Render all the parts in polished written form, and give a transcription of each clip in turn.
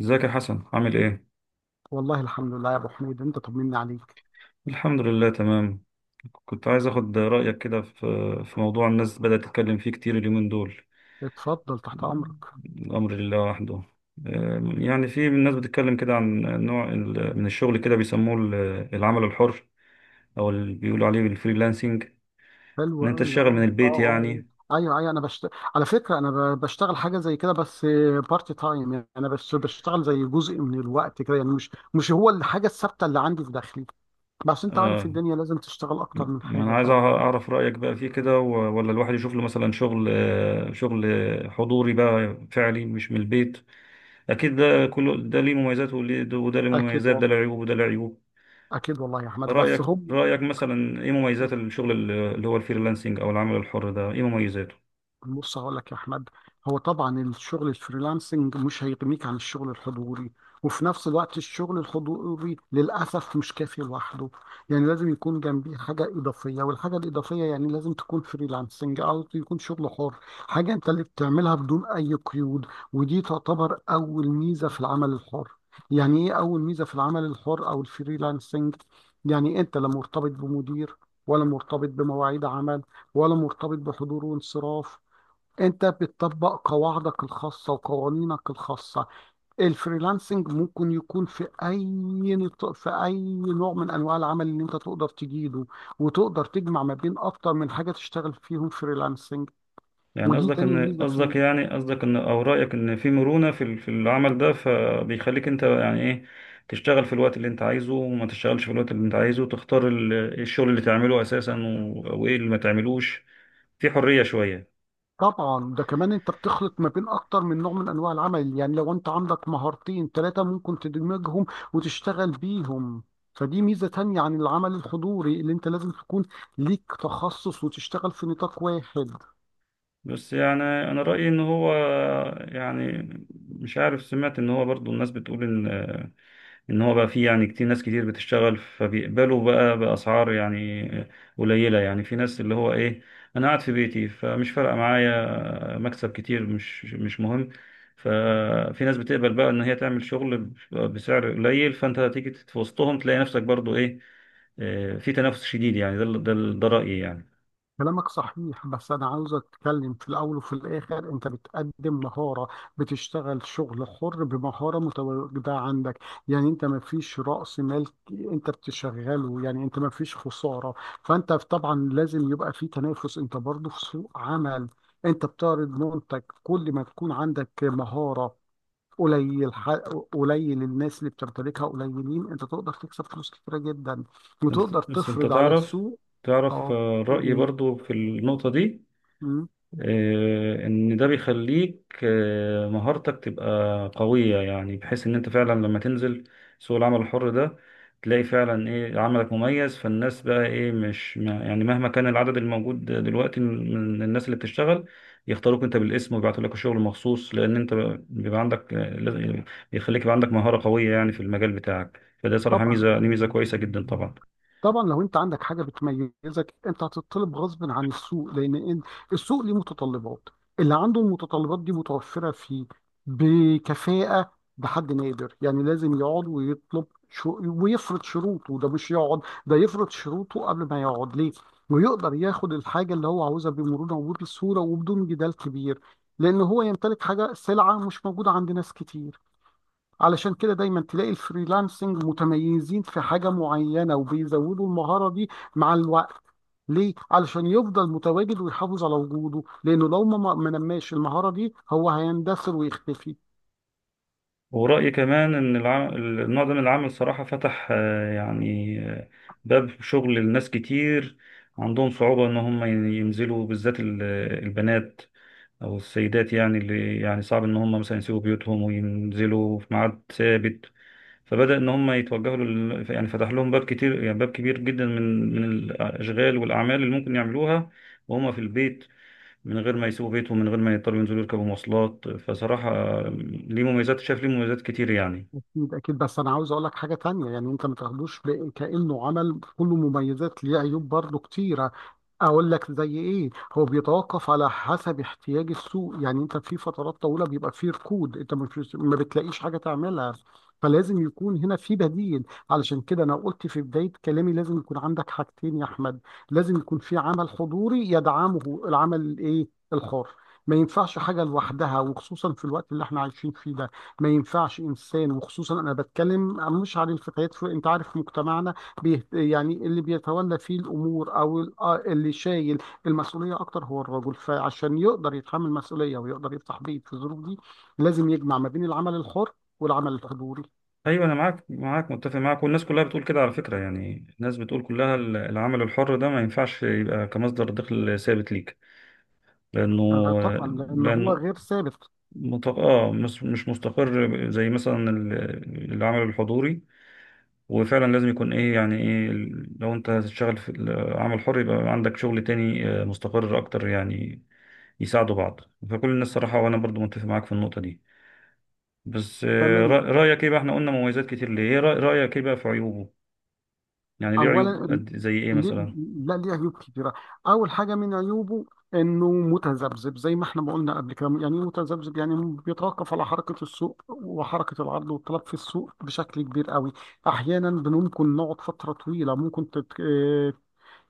ازيك يا حسن، عامل ايه؟ والله الحمد لله يا ابو حميد، انت طمني عليك. الحمد لله تمام. كنت عايز اخد رأيك كده في موضوع الناس بدأت تتكلم فيه كتير اليومين دول. اتفضل، تحت امرك. الأمر لله وحده. يعني في الناس بتتكلم كده عن نوع من الشغل كده، بيسموه العمل الحر، او اللي بيقولوا عليه بالفريلانسنج، ان حلو انت قوي، تشتغل من البيت يعني. آه. ايوه ايوه، على فكره انا بشتغل حاجه زي كده، بس بارت تايم. يعني انا بس بشتغل زي جزء من الوقت كده، يعني مش هو الحاجه الثابته اللي عندي في داخلي. بس انت عارف آه، الدنيا لازم تشتغل اكتر من ما انا حاجه عايز طبعا. اعرف رأيك بقى فيه كده، ولا الواحد يشوف له مثلا شغل، شغل حضوري بقى، فعلي مش من البيت. اكيد ده كله، ده ليه مميزات وده ليه اكيد مميزات، ده والله. له عيوب وده له عيوب. اكيد والله يا احمد، بس رايك هم. رايك مثلا ايه مميزات الشغل اللي هو الفريلانسنج او العمل الحر ده، ايه مميزاته؟ بص هقول لك يا احمد، هو طبعا الشغل الفريلانسنج مش هيغنيك عن الشغل الحضوري. وفي نفس الوقت الشغل الحضوري للاسف مش كافي لوحده. يعني لازم يكون جنبيه حاجه اضافيه، والحاجه الاضافيه يعني لازم تكون فريلانسنج او يكون شغل حر. حاجه انت اللي بتعملها بدون اي قيود. ودي تعتبر اول ميزه في العمل الحر. يعني ايه اول ميزه في العمل الحر او الفريلانسنج؟ يعني انت لا مرتبط بمدير، ولا مرتبط بمواعيد عمل، ولا مرتبط بحضور وانصراف. انت بتطبق قواعدك الخاصة وقوانينك الخاصة. الفريلانسنج ممكن يكون في اي في اي نوع من انواع العمل اللي انت تقدر تجيده. وتقدر تجمع ما بين اكتر من حاجة تشتغل فيهم فريلانسنج. يعني ودي تاني ميزة فيه. قصدك ان، او رايك ان في مرونه في في العمل ده، فبيخليك انت يعني ايه، تشتغل في الوقت اللي انت عايزه وما تشتغلش في الوقت اللي انت عايزه، تختار الشغل اللي تعمله اساسا، وايه اللي ما تعملوش، في حريه شويه. طبعا ده كمان انت بتخلط ما بين اكتر من نوع من انواع العمل. يعني لو انت عندك مهارتين ثلاثة ممكن تدمجهم وتشتغل بيهم. فدي ميزة تانية عن العمل الحضوري اللي انت لازم تكون ليك تخصص وتشتغل في نطاق واحد. بس يعني انا رايي ان هو، يعني مش عارف، سمعت ان هو برضو الناس بتقول ان ان هو بقى فيه يعني كتير، ناس كتير بتشتغل، فبيقبلوا بقى باسعار يعني قليله، يعني في ناس اللي هو ايه، انا قاعد في بيتي، فمش فارقه معايا مكسب كتير، مش مهم، ففي ناس بتقبل بقى ان هي تعمل شغل بسعر قليل، فانت هتيجي في وسطهم تلاقي نفسك برضو ايه، في تنافس شديد، يعني ده رايي يعني. كلامك صحيح، بس أنا عاوز أتكلم. في الأول وفي الآخر أنت بتقدم مهارة، بتشتغل شغل حر بمهارة متواجدة عندك. يعني أنت ما فيش رأس مال، أنت بتشغله، يعني أنت ما فيش خسارة. فأنت طبعا لازم يبقى في تنافس، أنت برضه في سوق عمل. أنت بتعرض منتج. كل ما تكون عندك مهارة قليل ح- قليل الناس اللي بتمتلكها قليلين، أنت تقدر تكسب فلوس كتيرة جدا وتقدر بس انت تفرض على تعرف، السوق. تعرف أه. رأيي إيه. برضو في النقطة دي، ان ده بيخليك مهارتك تبقى قوية، يعني بحيث ان انت فعلا لما تنزل سوق العمل الحر ده، تلاقي فعلا ايه، عملك مميز، فالناس بقى ايه مش يعني مهما كان العدد الموجود دلوقتي من الناس اللي بتشتغل، يختاروك انت بالاسم ويبعتوا لك الشغل مخصوص، لان انت بيبقى عندك بيخليك يبقى عندك مهارة قوية يعني في المجال بتاعك، فده صراحة طبعا. ميزة، دي ميزة كويسة جدا طبعا. طبعا لو انت عندك حاجه بتميزك، انت هتطلب غصب عن السوق. السوق ليه متطلبات. اللي عنده المتطلبات دي متوفره فيه بكفاءه، بحد نادر، يعني لازم يقعد ويطلب شو ويفرض شروطه. ده مش يقعد، ده يفرض شروطه قبل ما يقعد ليه، ويقدر ياخد الحاجه اللي هو عاوزها بمرونه وبسهوله وبدون جدال كبير. لان هو يمتلك حاجه سلعه مش موجوده عند ناس كتير. علشان كده دايما تلاقي الفريلانسنج متميزين في حاجة معينة، وبيزودوا المهارة دي مع الوقت. ليه؟ علشان يفضل متواجد ويحافظ على وجوده. لأنه لو ما نماش المهارة دي هو هيندثر ويختفي. ورأيي كمان إن النوع ده من العمل صراحة فتح، باب شغل لناس كتير عندهم صعوبة إن هم ينزلوا، بالذات البنات أو السيدات، يعني اللي يعني صعب إن هم مثلا يسيبوا بيوتهم وينزلوا في ميعاد ثابت، فبدأ إن هم يتوجهوا لل يعني، فتح لهم باب كتير، يعني باب كبير جدا من الأشغال والأعمال اللي ممكن يعملوها وهم في البيت، من غير ما يسيبوا بيتهم، من غير ما يضطروا ينزلوا يركبوا مواصلات. فصراحة ليه مميزات، شايف ليه مميزات كتير يعني. اكيد اكيد، بس انا عاوز اقول لك حاجه تانية. يعني انت ما تاخدوش كانه عمل كله مميزات، ليه عيوب برضه كتيره. اقول لك زي ايه. هو بيتوقف على حسب احتياج السوق. يعني انت في فترات طويله بيبقى فيه ركود، انت مش ما بتلاقيش حاجه تعملها. فلازم يكون هنا في بديل. علشان كده انا قلت في بدايه كلامي لازم يكون عندك حاجتين يا احمد. لازم يكون في عمل حضوري يدعمه العمل الايه، الحر. ما ينفعش حاجه لوحدها، وخصوصا في الوقت اللي احنا عايشين فيه ده. ما ينفعش انسان، وخصوصا انا بتكلم مش عن الفتيات. في انت عارف مجتمعنا يعني اللي بيتولى فيه الامور او اللي شايل المسؤوليه اكتر هو الرجل. فعشان يقدر يتحمل مسؤوليه ويقدر يفتح بيت في الظروف دي، لازم يجمع ما بين العمل الحر والعمل الحضوري. ايوه انا معاك، معاك متفق معاك، والناس كلها بتقول كده على فكره، يعني الناس بتقول كلها العمل الحر ده ما ينفعش يبقى كمصدر دخل ثابت ليك، لانه آه طبعا، لان هو لانه غير ثابت. مت- اه مش مستقر زي مثلا العمل الحضوري، وفعلا لازم يكون ايه، يعني ايه لو انت هتشتغل في العمل الحر، يبقى عندك شغل تاني مستقر اكتر، يعني يساعدوا بعض. فكل الناس صراحه، وانا برضو متفق معاك في النقطه دي، بس تمام. رايك ايه بقى، احنا قلنا مميزات كتير ليه، ايه رايك ايه بقى في عيوبه؟ يعني ليه عيوب اولا، قد، زي ايه ليه. مثلا؟ لا، ليه عيوب كتيره. اول حاجه من عيوبه انه متذبذب زي ما احنا ما قلنا قبل كده. يعني إيه متذبذب؟ يعني بيتوقف على حركه السوق وحركه العرض والطلب في السوق بشكل كبير قوي. احيانا ممكن نقعد فتره طويله، ممكن تت... آه،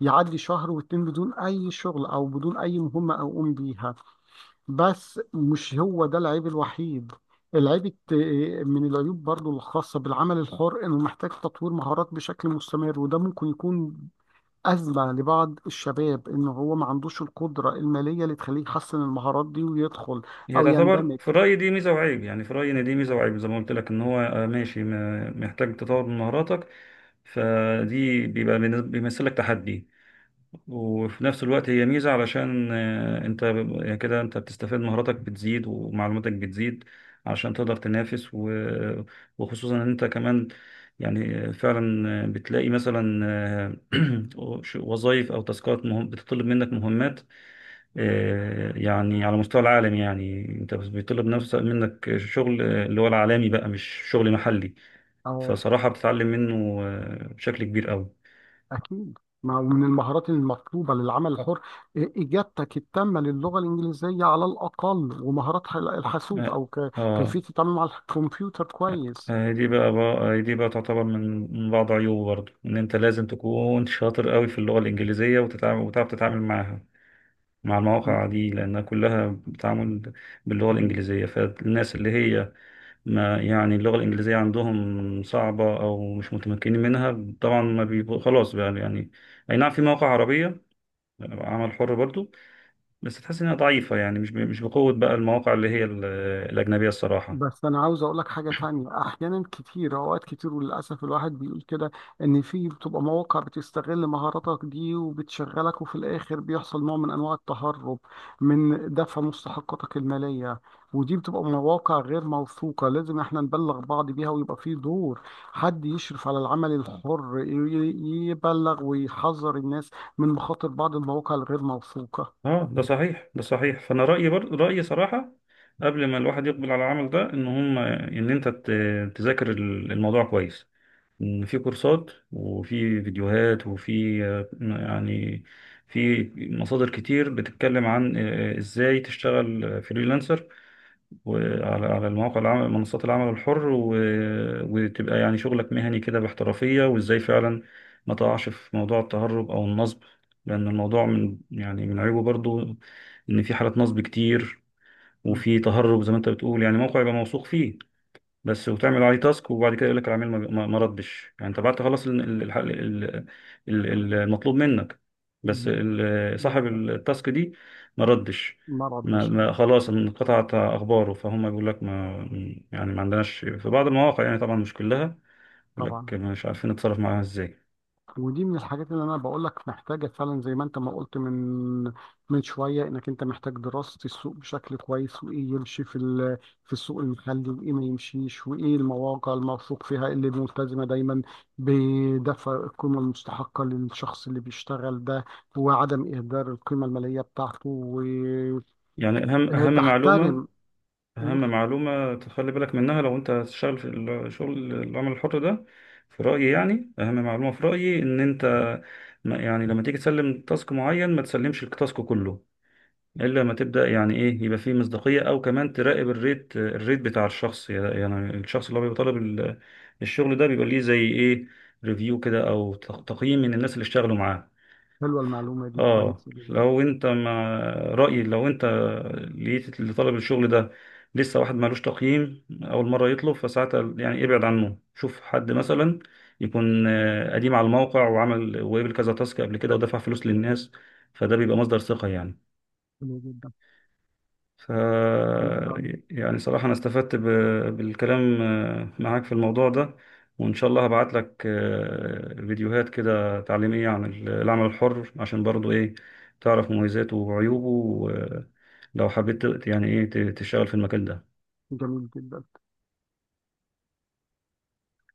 يعدي شهر واتنين بدون اي شغل او بدون اي مهمه اقوم بيها. بس مش هو ده العيب الوحيد. العيب الت- من العيوب برضو الخاصة بالعمل الحر إنه محتاج تطوير مهارات بشكل مستمر. وده ممكن يكون أزمة لبعض الشباب، إنه هو ما عندوش القدرة المالية اللي تخليه يحسن المهارات دي ويدخل هي أو تعتبر يندمج. في رأيي دي ميزة وعيب، يعني في رأيي ان دي ميزة وعيب، زي ما قلت لك ان هو ماشي، محتاج تطور من مهاراتك، بيمثل لك تحدي، وفي نفس الوقت هي ميزة، علشان انت يعني كده انت بتستفاد، مهاراتك بتزيد ومعلوماتك بتزيد علشان تقدر تنافس، وخصوصا ان انت كمان يعني فعلا بتلاقي مثلا وظائف او تاسكات مهم بتطلب منك مهمات يعني على مستوى العالم، يعني انت بيطلب نفسك منك شغل اللي هو العالمي بقى، مش شغل محلي، أه فصراحة بتتعلم منه بشكل كبير قوي. أكيد، ما هو من المهارات المطلوبة للعمل الحر إجابتك التامة للغة الإنجليزية على الأقل، ومهارات الحاسوب، اه. أو كيفية آه. التعامل مع الكمبيوتر كويس. آه، دي بقى, بقى دي بقى تعتبر من من بعض عيوبه برضه، ان انت لازم تكون شاطر قوي في اللغة الإنجليزية، وتتعامل، وتعرف تتعامل معاها مع المواقع دي، لأنها كلها بتعامل باللغة الإنجليزية، فالناس اللي هي ما يعني اللغة الإنجليزية عندهم صعبة أو مش متمكنين منها، طبعا ما بيبقوا، خلاص بقى يعني. أي نعم في مواقع عربية عمل حر برضه، بس تحس إنها ضعيفة، يعني مش بقوة بقى المواقع اللي هي الأجنبية الصراحة. بس انا عاوز اقول لك حاجه تانية. احيانا كتير، اوقات كتير، وللاسف الواحد بيقول كده، ان في بتبقى مواقع بتستغل مهاراتك دي وبتشغلك، وفي الاخر بيحصل نوع من انواع التهرب من دفع مستحقاتك الماليه. ودي بتبقى مواقع غير موثوقه، لازم احنا نبلغ بعض بيها. ويبقى في دور حد يشرف على العمل الحر يبلغ ويحذر الناس من مخاطر بعض المواقع الغير موثوقه. اه ده صحيح، ده صحيح، فانا رايي برضه، رايي صراحه قبل ما الواحد يقبل على العمل ده، ان هم ان انت تذاكر الموضوع كويس، ان في كورسات وفي فيديوهات وفي في مصادر كتير بتتكلم عن ازاي تشتغل فريلانسر، وعلى على المواقع العمل منصات العمل الحر و، وتبقى يعني شغلك مهني كده باحترافية، وازاي فعلا ما تقعش في موضوع التهرب او النصب، لان الموضوع من، يعني من عيوبه برضو ان في حالات نصب كتير، م- وفي تهرب زي ما انت بتقول، يعني موقع يبقى موثوق فيه بس، وتعمل عليه تاسك، وبعد كده يقول لك العميل ما ردش، يعني انت بعد تخلص المطلوب منك، بس م- صاحب التاسك دي ما ردش، مرض ما ما الشغل. خلاص انقطعت اخباره، فهم بيقول لك، ما يعني ما عندناش، في بعض المواقع يعني، طبعا مش كلها، يقول لك طبعا. مش عارفين نتصرف معاها ازاي. ودي من الحاجات اللي انا بقول لك محتاجه فعلا، زي ما انت ما قلت من شويه، انك انت محتاج دراسه السوق بشكل كويس، وايه يمشي في السوق المحلي وايه ما يمشيش، وايه المواقع الموثوق فيها، إيه اللي ملتزمه دايما بدفع القيمه المستحقه للشخص اللي بيشتغل ده، وعدم اهدار القيمه الماليه بتاعته. يعني اهم معلومة، وتحترم. أهم قول. معلومة تخلي بالك منها لو أنت هتشتغل في العمل الحر ده، في رأيي، يعني أهم معلومة في رأيي إن أنت يعني لما تيجي تسلم تاسك معين، ما تسلمش التاسك كله إلا ما تبدأ، يعني إيه، يبقى فيه مصداقية، أو كمان تراقب الريت بتاع الشخص، يعني الشخص اللي هو بيبقى طالب الشغل ده، بيبقى ليه زي إيه، ريفيو كده أو تقييم من الناس اللي اشتغلوا معاه. حلوه المعلومه دي، اه، كويسه جدا. لو انت مع رأيي، لو انت لقيت لطلب الشغل ده لسه واحد مالوش تقييم، اول مرة يطلب، فساعتها يعني ابعد عنه، شوف حد مثلا يكون قديم على الموقع وعمل وقبل كذا تاسك قبل كده، ودفع فلوس للناس، فده بيبقى مصدر ثقة يعني. حلوه جدا. ف كويسه. يعني صراحة أنا استفدت بالكلام معاك في الموضوع ده، وإن شاء الله هبعت لك فيديوهات كده تعليمية عن العمل الحر، عشان برضو إيه، تعرف مميزاته وعيوبه، لو حبيت يعني إيه تشتغل في المكان ده. جميل جدا.